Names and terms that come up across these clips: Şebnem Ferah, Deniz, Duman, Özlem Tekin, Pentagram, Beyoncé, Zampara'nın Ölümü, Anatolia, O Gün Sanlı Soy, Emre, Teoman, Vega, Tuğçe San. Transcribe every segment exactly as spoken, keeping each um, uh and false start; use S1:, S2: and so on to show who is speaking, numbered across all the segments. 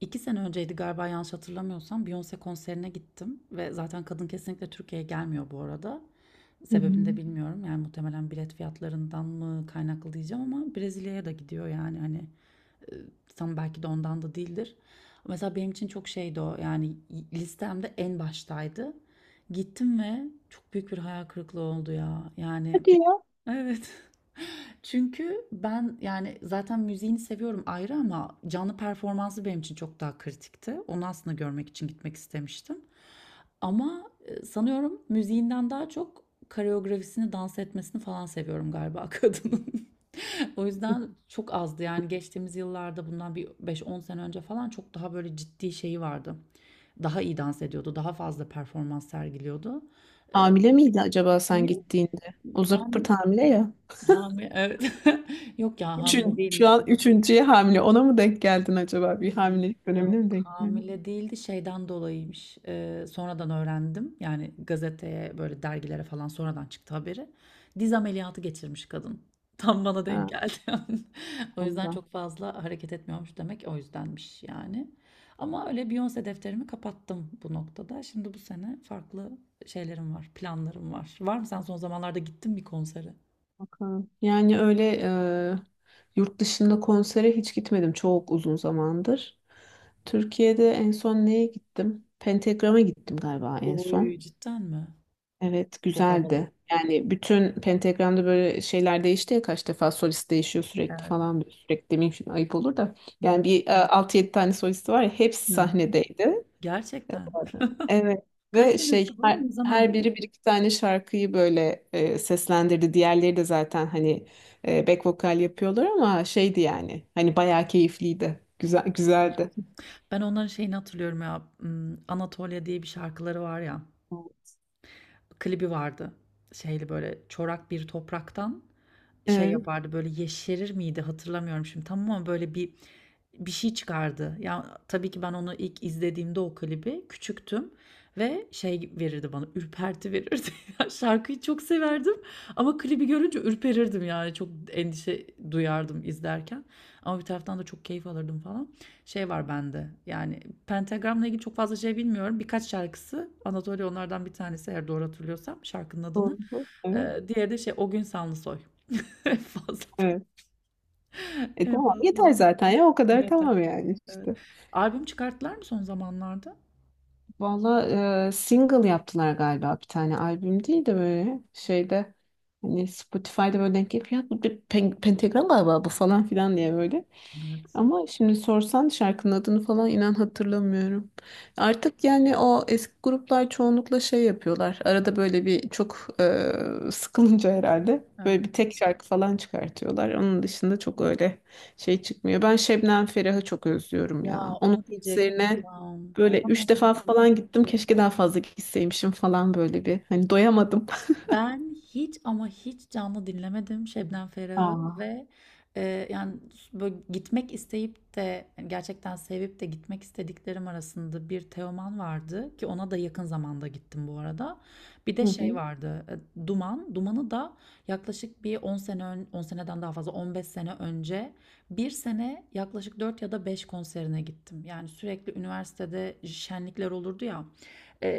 S1: İki sene önceydi galiba yanlış hatırlamıyorsam Beyoncé konserine gittim ve zaten kadın kesinlikle Türkiye'ye gelmiyor bu arada. Sebebini de
S2: Hmm.
S1: bilmiyorum yani muhtemelen bilet fiyatlarından mı kaynaklı diyeceğim ama Brezilya'ya da gidiyor yani hani e, tam belki de ondan da değildir. Mesela benim için çok şeydi o yani listemde en baştaydı. Gittim ve çok büyük bir hayal kırıklığı oldu ya yani
S2: Hadi ya.
S1: evet. Çünkü ben yani zaten müziğini seviyorum ayrı ama canlı performansı benim için çok daha kritikti. Onu aslında görmek için gitmek istemiştim. Ama e, sanıyorum müziğinden daha çok koreografisini, dans etmesini falan seviyorum galiba kadının. O yüzden çok azdı yani geçtiğimiz yıllarda bundan bir beş on sene önce falan çok daha böyle ciddi şeyi vardı. Daha iyi dans ediyordu, daha fazla performans sergiliyordu. Ee,
S2: Hamile miydi acaba sen
S1: Yok,
S2: gittiğinde? O
S1: ham,
S2: zırt hamile ya.
S1: Hami, evet. Yok ya, Hamdi
S2: Üçün, şu
S1: değilmiş.
S2: an üçüncüye hamile. Ona mı denk geldin acaba? Bir hamilelik dönemine
S1: Yok,
S2: mi denk geldin?
S1: hamile değildi, şeyden dolayıymış. Ee, sonradan öğrendim. Yani gazeteye böyle dergilere falan sonradan çıktı haberi. Diz ameliyatı geçirmiş kadın. Tam bana denk
S2: Ha,
S1: geldi. O yüzden
S2: ondan.
S1: çok fazla hareket etmiyormuş, demek o yüzdenmiş yani. Ama öyle Beyoncé defterimi kapattım bu noktada. Şimdi bu sene farklı şeylerim var, planlarım var. Var mı, sen son zamanlarda gittin bir konsere?
S2: Bakalım. Yani öyle e, yurt dışında konsere hiç gitmedim. Çok uzun zamandır. Türkiye'de en son neye gittim? Pentagram'a gittim galiba en
S1: Oy,
S2: son.
S1: cidden mi?
S2: Evet,
S1: Çok havalı.
S2: güzeldi. Yani bütün pentagramda böyle şeyler değişti ya kaç defa solist değişiyor sürekli
S1: Evet.
S2: falan böyle sürekli demeyeyim şimdi ayıp olur da.
S1: Hı.
S2: Yani bir e, altı yedi tane solisti var ya hepsi
S1: Hı.
S2: sahnedeydi.
S1: Gerçekten.
S2: Evet.
S1: Kaç
S2: Ve şey
S1: senesi bu?
S2: her,
S1: Ne
S2: her
S1: zamandı bu?
S2: biri bir iki tane şarkıyı böyle e, seslendirdi. Diğerleri de zaten hani e, back vokal yapıyorlar ama şeydi yani hani bayağı keyifliydi.
S1: Hı.
S2: Güzel güzeldi.
S1: Ben onların şeyini hatırlıyorum ya. hmm, Anatolia diye bir şarkıları var ya. Klibi vardı. Şeyli böyle çorak bir topraktan. Şey
S2: Evet.
S1: yapardı, böyle yeşerir miydi hatırlamıyorum şimdi tamam, ama böyle bir bir şey çıkardı. Ya tabii ki ben onu ilk izlediğimde o klibi küçüktüm ve şey verirdi bana, ürperti verirdi. Ya şarkıyı çok severdim ama klibi görünce ürperirdim yani, çok endişe duyardım izlerken. Ama bir taraftan da çok keyif alırdım falan. Şey var bende yani, Pentagram'la ilgili çok fazla şey bilmiyorum. Birkaç şarkısı, Anatolia onlardan bir tanesi eğer doğru hatırlıyorsam şarkının adını.
S2: Doğru. Evet.
S1: Ee, diğeri de şey, O Gün Sanlı Soy. En fazla
S2: Evet. E
S1: en
S2: tamam
S1: fazla
S2: yeter zaten ya o kadar tamam
S1: dinleten.
S2: yani
S1: Evet.
S2: işte.
S1: Albüm çıkarttılar mı son zamanlarda?
S2: Valla e, single yaptılar galiba bir tane albüm değil de böyle şeyde hani Spotify'da böyle denk gelip ya bu bir pen- pentagram galiba bu falan filan diye böyle.
S1: Evet.
S2: Ama şimdi sorsan şarkının adını falan inan hatırlamıyorum. Artık yani o eski gruplar çoğunlukla şey yapıyorlar. Arada böyle bir çok e, sıkılınca herhalde
S1: He.
S2: böyle bir tek şarkı falan çıkartıyorlar. Onun dışında çok öyle şey çıkmıyor. Ben Şebnem Ferah'ı çok özlüyorum
S1: Ya,
S2: ya. Onun
S1: onu diyecektim
S2: konserine
S1: tam.
S2: böyle
S1: Tam
S2: üç
S1: onu
S2: defa
S1: diyecektim.
S2: falan gittim. Keşke daha fazla gitseymişim falan böyle bir. Hani doyamadım.
S1: Ben hiç, ama hiç canlı dinlemedim Şebnem Ferah'ı
S2: Aa.
S1: ve e, yani böyle gitmek isteyip de yani gerçekten sevip de gitmek istediklerim arasında bir Teoman vardı ki ona da yakın zamanda gittim bu arada. Bir de
S2: Hı
S1: şey
S2: hı.
S1: vardı, e, Duman. Duman'ı da yaklaşık bir 10 sene ön, 10 seneden daha fazla, 15 sene önce bir sene yaklaşık dört ya da beş konserine gittim. Yani sürekli üniversitede şenlikler olurdu ya.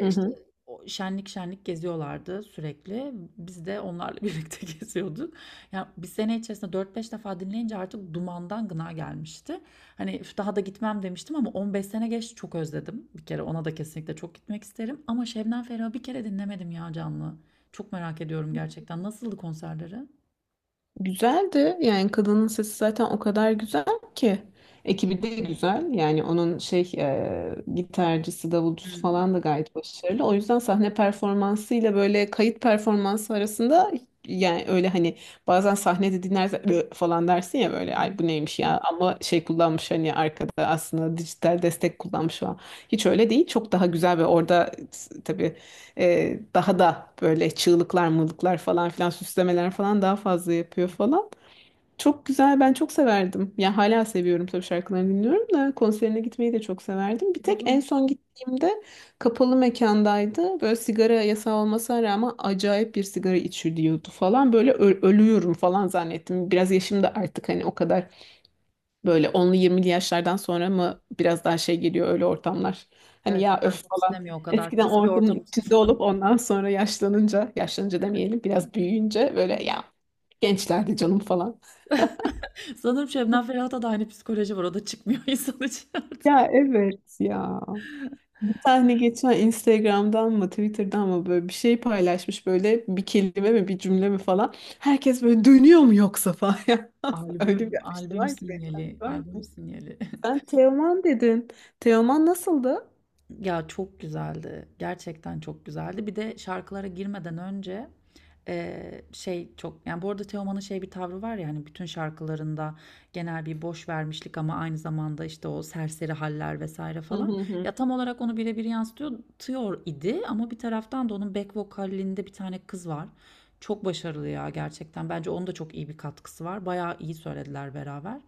S2: Hı
S1: işte
S2: hı.
S1: o şenlik şenlik geziyorlardı sürekli. Biz de onlarla birlikte geziyorduk. Yani bir sene içerisinde dört beş defa dinleyince artık dumandan gına gelmişti. Hani üf, daha da gitmem demiştim ama 15 sene geçti, çok özledim. Bir kere ona da kesinlikle çok gitmek isterim. Ama Şebnem Ferah'ı bir kere dinlemedim ya canlı. Çok merak ediyorum gerçekten. Nasıldı konserleri?
S2: Güzeldi. Yani kadının sesi zaten o kadar güzel ki. Ekibi de güzel. Yani onun şey e, gitarcısı, davulcusu
S1: Hmm.
S2: falan da gayet başarılı. O yüzden sahne performansıyla böyle kayıt performansı arasında yani öyle hani bazen sahnede dinlersen "Ö" falan dersin ya
S1: Hı
S2: böyle
S1: hı.
S2: ay bu neymiş ya ama şey kullanmış hani arkada aslında dijital destek kullanmış falan. Hiç öyle değil. Çok daha güzel ve orada tabii ee, daha da böyle çığlıklar, mırlıklar falan filan süslemeler falan daha fazla yapıyor falan. Çok güzel, ben çok severdim. Ya hala seviyorum tabii şarkılarını dinliyorum da konserine gitmeyi de çok severdim. Bir tek en son gittiğimde kapalı mekandaydı. Böyle sigara yasağı olmasına rağmen acayip bir sigara içiliyordu falan. Böyle ö- ölüyorum falan zannettim. Biraz yaşım da artık hani o kadar böyle onlu, yirmili yaşlardan sonra mı biraz daha şey geliyor öyle ortamlar. Hani
S1: Evet,
S2: ya
S1: ben
S2: öf
S1: çok
S2: falan.
S1: istemiyor o kadar
S2: Eskiden o
S1: pis bir
S2: ortamın
S1: ortam
S2: içinde
S1: için.
S2: olup ondan sonra yaşlanınca, yaşlanınca demeyelim biraz büyüyünce böyle ya gençlerdi canım falan.
S1: Sanırım Şebnem Ferah'ta da aynı psikoloji var. O da çıkmıyor insan için artık.
S2: Ya evet ya. Bir tane geçen Instagram'dan mı Twitter'dan mı böyle bir şey paylaşmış böyle bir kelime mi bir cümle mi falan. Herkes böyle dönüyor mu yoksa falan. Öyle bir
S1: Albüm,
S2: şey
S1: albüm
S2: var ki.
S1: sinyali,
S2: Var
S1: albüm
S2: ki.
S1: sinyali.
S2: Sen Teoman dedin. Teoman nasıldı?
S1: Ya çok güzeldi. Gerçekten çok güzeldi. Bir de şarkılara girmeden önce eee, şey çok, yani bu arada Teoman'ın şey bir tavrı var ya hani, bütün şarkılarında genel bir boş vermişlik ama aynı zamanda işte o serseri haller vesaire
S2: Hı hı
S1: falan. Ya
S2: hı.
S1: tam olarak onu birebir yansıtıyor tıyor idi, ama bir taraftan da onun back vokalinde bir tane kız var. Çok başarılı ya gerçekten. Bence onun da çok iyi bir katkısı var. Bayağı iyi söylediler beraber.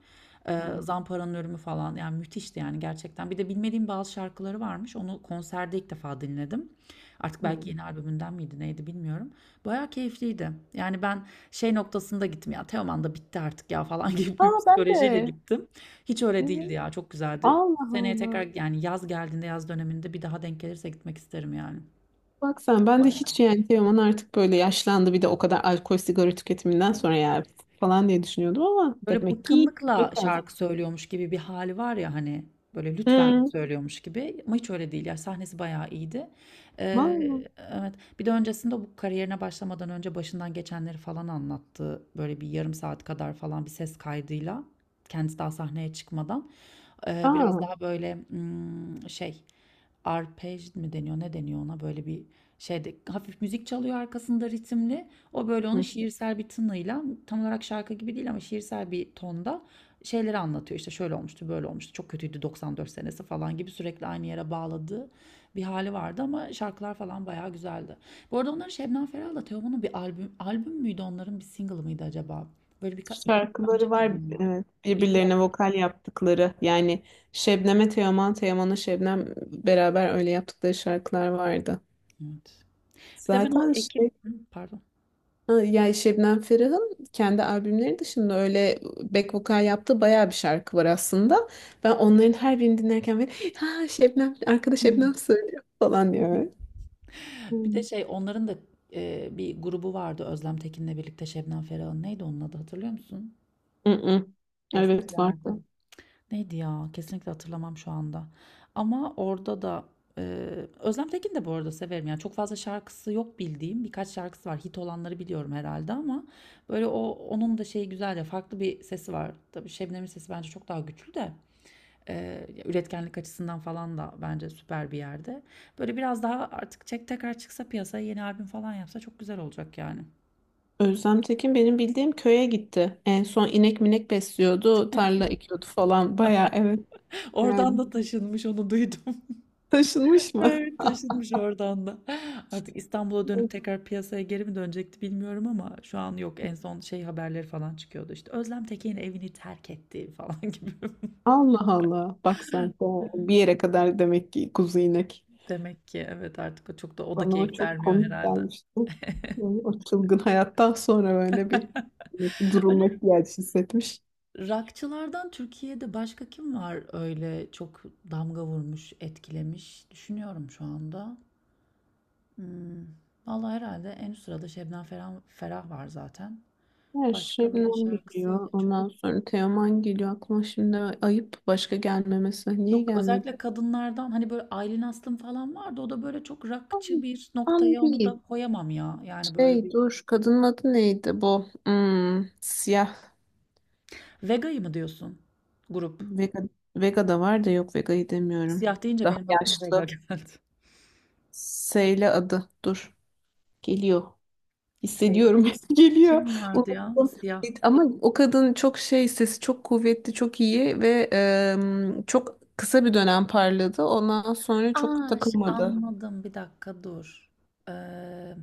S1: Eee,
S2: Hı
S1: Zampara'nın Ölümü falan yani, müthişti yani gerçekten. Bir de bilmediğim bazı şarkıları varmış. Onu konserde ilk defa dinledim. Artık belki
S2: hı.
S1: yeni albümünden miydi neydi bilmiyorum. Bayağı keyifliydi. Yani ben şey noktasında gittim ya, Teoman da bitti artık ya falan gibi bir
S2: Aa ben de.
S1: psikolojiyle gittim. Hiç öyle değildi
S2: Evet.
S1: ya, çok güzeldi.
S2: Allah
S1: Seneye tekrar
S2: Allah.
S1: yani yaz geldiğinde yaz döneminde bir daha denk gelirse gitmek isterim yani.
S2: Bak sen ben de hiç yani Teoman artık böyle yaşlandı bir de o kadar alkol sigara tüketiminden sonra ya falan diye düşünüyordum ama
S1: Böyle
S2: demek ki
S1: bıkkınlıkla
S2: gitmek lazım.
S1: şarkı söylüyormuş gibi bir hali var ya hani, böyle lütfen
S2: Hı.
S1: söylüyormuş gibi ama hiç öyle değil ya, sahnesi bayağı iyiydi.
S2: Vallahi.
S1: Ee, evet, bir de öncesinde bu kariyerine başlamadan önce başından geçenleri falan anlattı böyle bir yarım saat kadar falan bir ses kaydıyla, kendisi daha sahneye çıkmadan. Ee, biraz
S2: Aa,
S1: daha böyle hmm, şey, arpej mi deniyor ne deniyor ona, böyle bir şeyde hafif müzik çalıyor arkasında ritimli, o böyle onu
S2: hı.
S1: şiirsel bir tınıyla, tam olarak şarkı gibi değil ama şiirsel bir tonda şeyleri anlatıyor. İşte şöyle olmuştu, böyle olmuştu, çok kötüydü doksan dört senesi falan gibi sürekli aynı yere bağladığı bir hali vardı ama şarkılar falan bayağı güzeldi. Bu arada onların, Şebnem Ferah'la Teoman'ın bir albüm albüm müydü, onların bir single mıydı acaba? Böyle bir iki yıl önce
S2: Şarkıları var
S1: miydi ya?
S2: evet,
S1: İki
S2: birbirlerine
S1: yabancı.
S2: vokal yaptıkları yani Şebnem'e Teoman, Teoman'a Şebnem beraber öyle yaptıkları şarkılar vardı.
S1: Evet. Bir de ben o
S2: Zaten
S1: ekip,
S2: şey
S1: Hı, pardon.
S2: ha, yani Şebnem Ferah'ın kendi albümleri dışında öyle back vokal yaptığı bayağı bir şarkı var aslında. Ben onların her birini dinlerken böyle ha Şebnem arkadaş
S1: Hı.
S2: Şebnem söylüyor falan diyor.
S1: Bir de
S2: Hı.
S1: şey, onların da e, bir grubu vardı Özlem Tekin'le birlikte, Şebnem Ferah'ın, neydi onun adı, hatırlıyor musun?
S2: Mm, hı. Evet
S1: Eskilerde.
S2: vardı.
S1: Neydi ya? Kesinlikle hatırlamam şu anda. Ama orada da e, Özlem Tekin de bu arada severim. Yani çok fazla şarkısı yok bildiğim. Birkaç şarkısı var. Hit olanları biliyorum herhalde ama böyle o onun da şeyi güzel ya. Farklı bir sesi var. Tabii Şebnem'in sesi bence çok daha güçlü de. E, üretkenlik açısından falan da bence süper bir yerde. Böyle biraz daha, artık çek tekrar çıksa piyasaya yeni albüm falan yapsa çok güzel olacak yani.
S2: Özlem Tekin benim bildiğim köye gitti. En son inek minek besliyordu, tarla ekiyordu falan. Baya evet
S1: Oradan
S2: yani
S1: da taşınmış, onu duydum.
S2: taşınmış mı?
S1: Evet, taşınmış oradan da. Artık İstanbul'a dönüp tekrar piyasaya geri mi dönecekti bilmiyorum ama şu an yok. En son şey, haberleri falan çıkıyordu işte, Özlem Tekin evini terk etti falan gibi.
S2: Allah Allah. Bak sen de bir yere kadar demek ki kuzu inek.
S1: Demek ki evet, artık o çok da, o da
S2: Bana o
S1: keyif
S2: çok
S1: vermiyor
S2: komik
S1: herhalde.
S2: gelmişti. Yani o çılgın hayattan sonra böyle bir bir
S1: Ali
S2: durulma ihtiyacı hissetmiş.
S1: Rockçılardan Türkiye'de başka kim var öyle, çok damga vurmuş, etkilemiş? Düşünüyorum şu anda. Hmm. Vallahi herhalde en üst sırada Şebnem Ferah, Ferah var zaten.
S2: Her
S1: Başka böyle
S2: Şebnem
S1: şarkısıyla
S2: geliyor.
S1: çok.
S2: Ondan sonra Teoman geliyor. Aklıma şimdi ayıp başka gelmemesi. Niye
S1: Yok,
S2: gelmedi?
S1: özellikle kadınlardan hani böyle Aylin Aslım falan vardı. O da böyle çok rockçı
S2: An,
S1: bir
S2: an
S1: noktaya, onu
S2: değil.
S1: da koyamam ya. Yani böyle
S2: Hey
S1: bir,
S2: dur kadının adı neydi bu? Hmm, siyah
S1: Vega'yı mı diyorsun grup?
S2: Vega, Vega da var da yok Vega'yı demiyorum.
S1: Siyah deyince
S2: Daha
S1: benim aklıma Vega
S2: yaşlı.
S1: geldi.
S2: Seyle adı dur. Geliyor.
S1: Şey,
S2: Hissediyorum geliyor.
S1: kim vardı ya
S2: Unuttum.
S1: siyah?
S2: Ama o kadın çok şey sesi çok kuvvetli çok iyi ve em, çok kısa bir dönem parladı. Ondan sonra çok
S1: Aa, ş-
S2: takılmadı.
S1: anladım, bir dakika dur. Ee,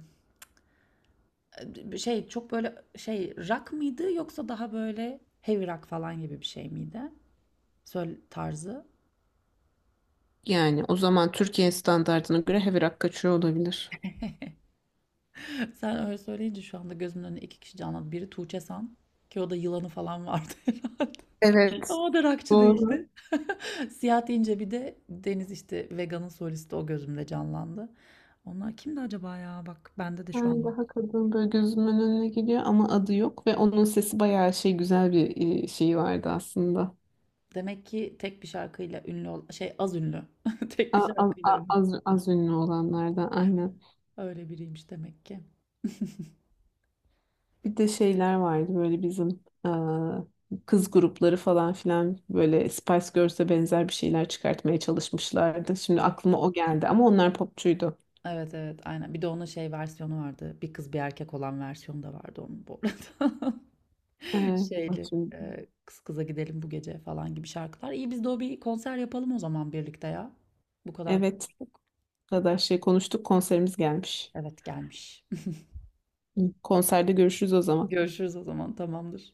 S1: Bir şey çok böyle şey, rock mıydı yoksa daha böyle heavy rock falan gibi bir şey miydi? Söyle tarzı.
S2: Yani o zaman Türkiye standartına göre heavy rock kaçıyor olabilir.
S1: Sen öyle söyleyince şu anda gözümün önüne iki kişi canlandı. Biri Tuğçe San, ki o da yılanı falan vardı herhalde.
S2: Evet.
S1: Ama o da rockçı
S2: Doğru.
S1: değildi. Siyah deyince bir de Deniz, işte Vega'nın solisti, o gözümde canlandı. Onlar kimdi acaba ya? Bak bende de şu
S2: Yani
S1: an.
S2: daha kadın böyle gözümün önüne geliyor ama adı yok ve onun sesi bayağı şey güzel bir e, şeyi vardı aslında.
S1: Demek ki tek bir şarkıyla ünlü ol, şey az ünlü. Tek bir
S2: A- a-
S1: şarkıyla
S2: a-
S1: ünlü.
S2: Az, az, ünlü olanlardan aynen.
S1: Öyle biriymiş demek ki.
S2: Bir de şeyler vardı böyle bizim e, kız grupları falan filan böyle Spice Girls'e benzer bir şeyler çıkartmaya çalışmışlardı. Şimdi
S1: Evet.
S2: aklıma o geldi ama onlar popçuydu.
S1: Evet, evet aynen. Bir de onun şey versiyonu vardı. Bir kız bir erkek olan versiyonu da vardı onun bu arada.
S2: E, bak
S1: Şeyli
S2: şimdi-
S1: e, kız kıza gidelim bu gece falan gibi şarkılar. İyi, biz de o bir konser yapalım o zaman birlikte ya. Bu kadar
S2: Evet,
S1: konuştuk.
S2: bu kadar şey konuştuk konserimiz gelmiş.
S1: Evet, gelmiş.
S2: Konserde görüşürüz o zaman.
S1: Görüşürüz o zaman, tamamdır.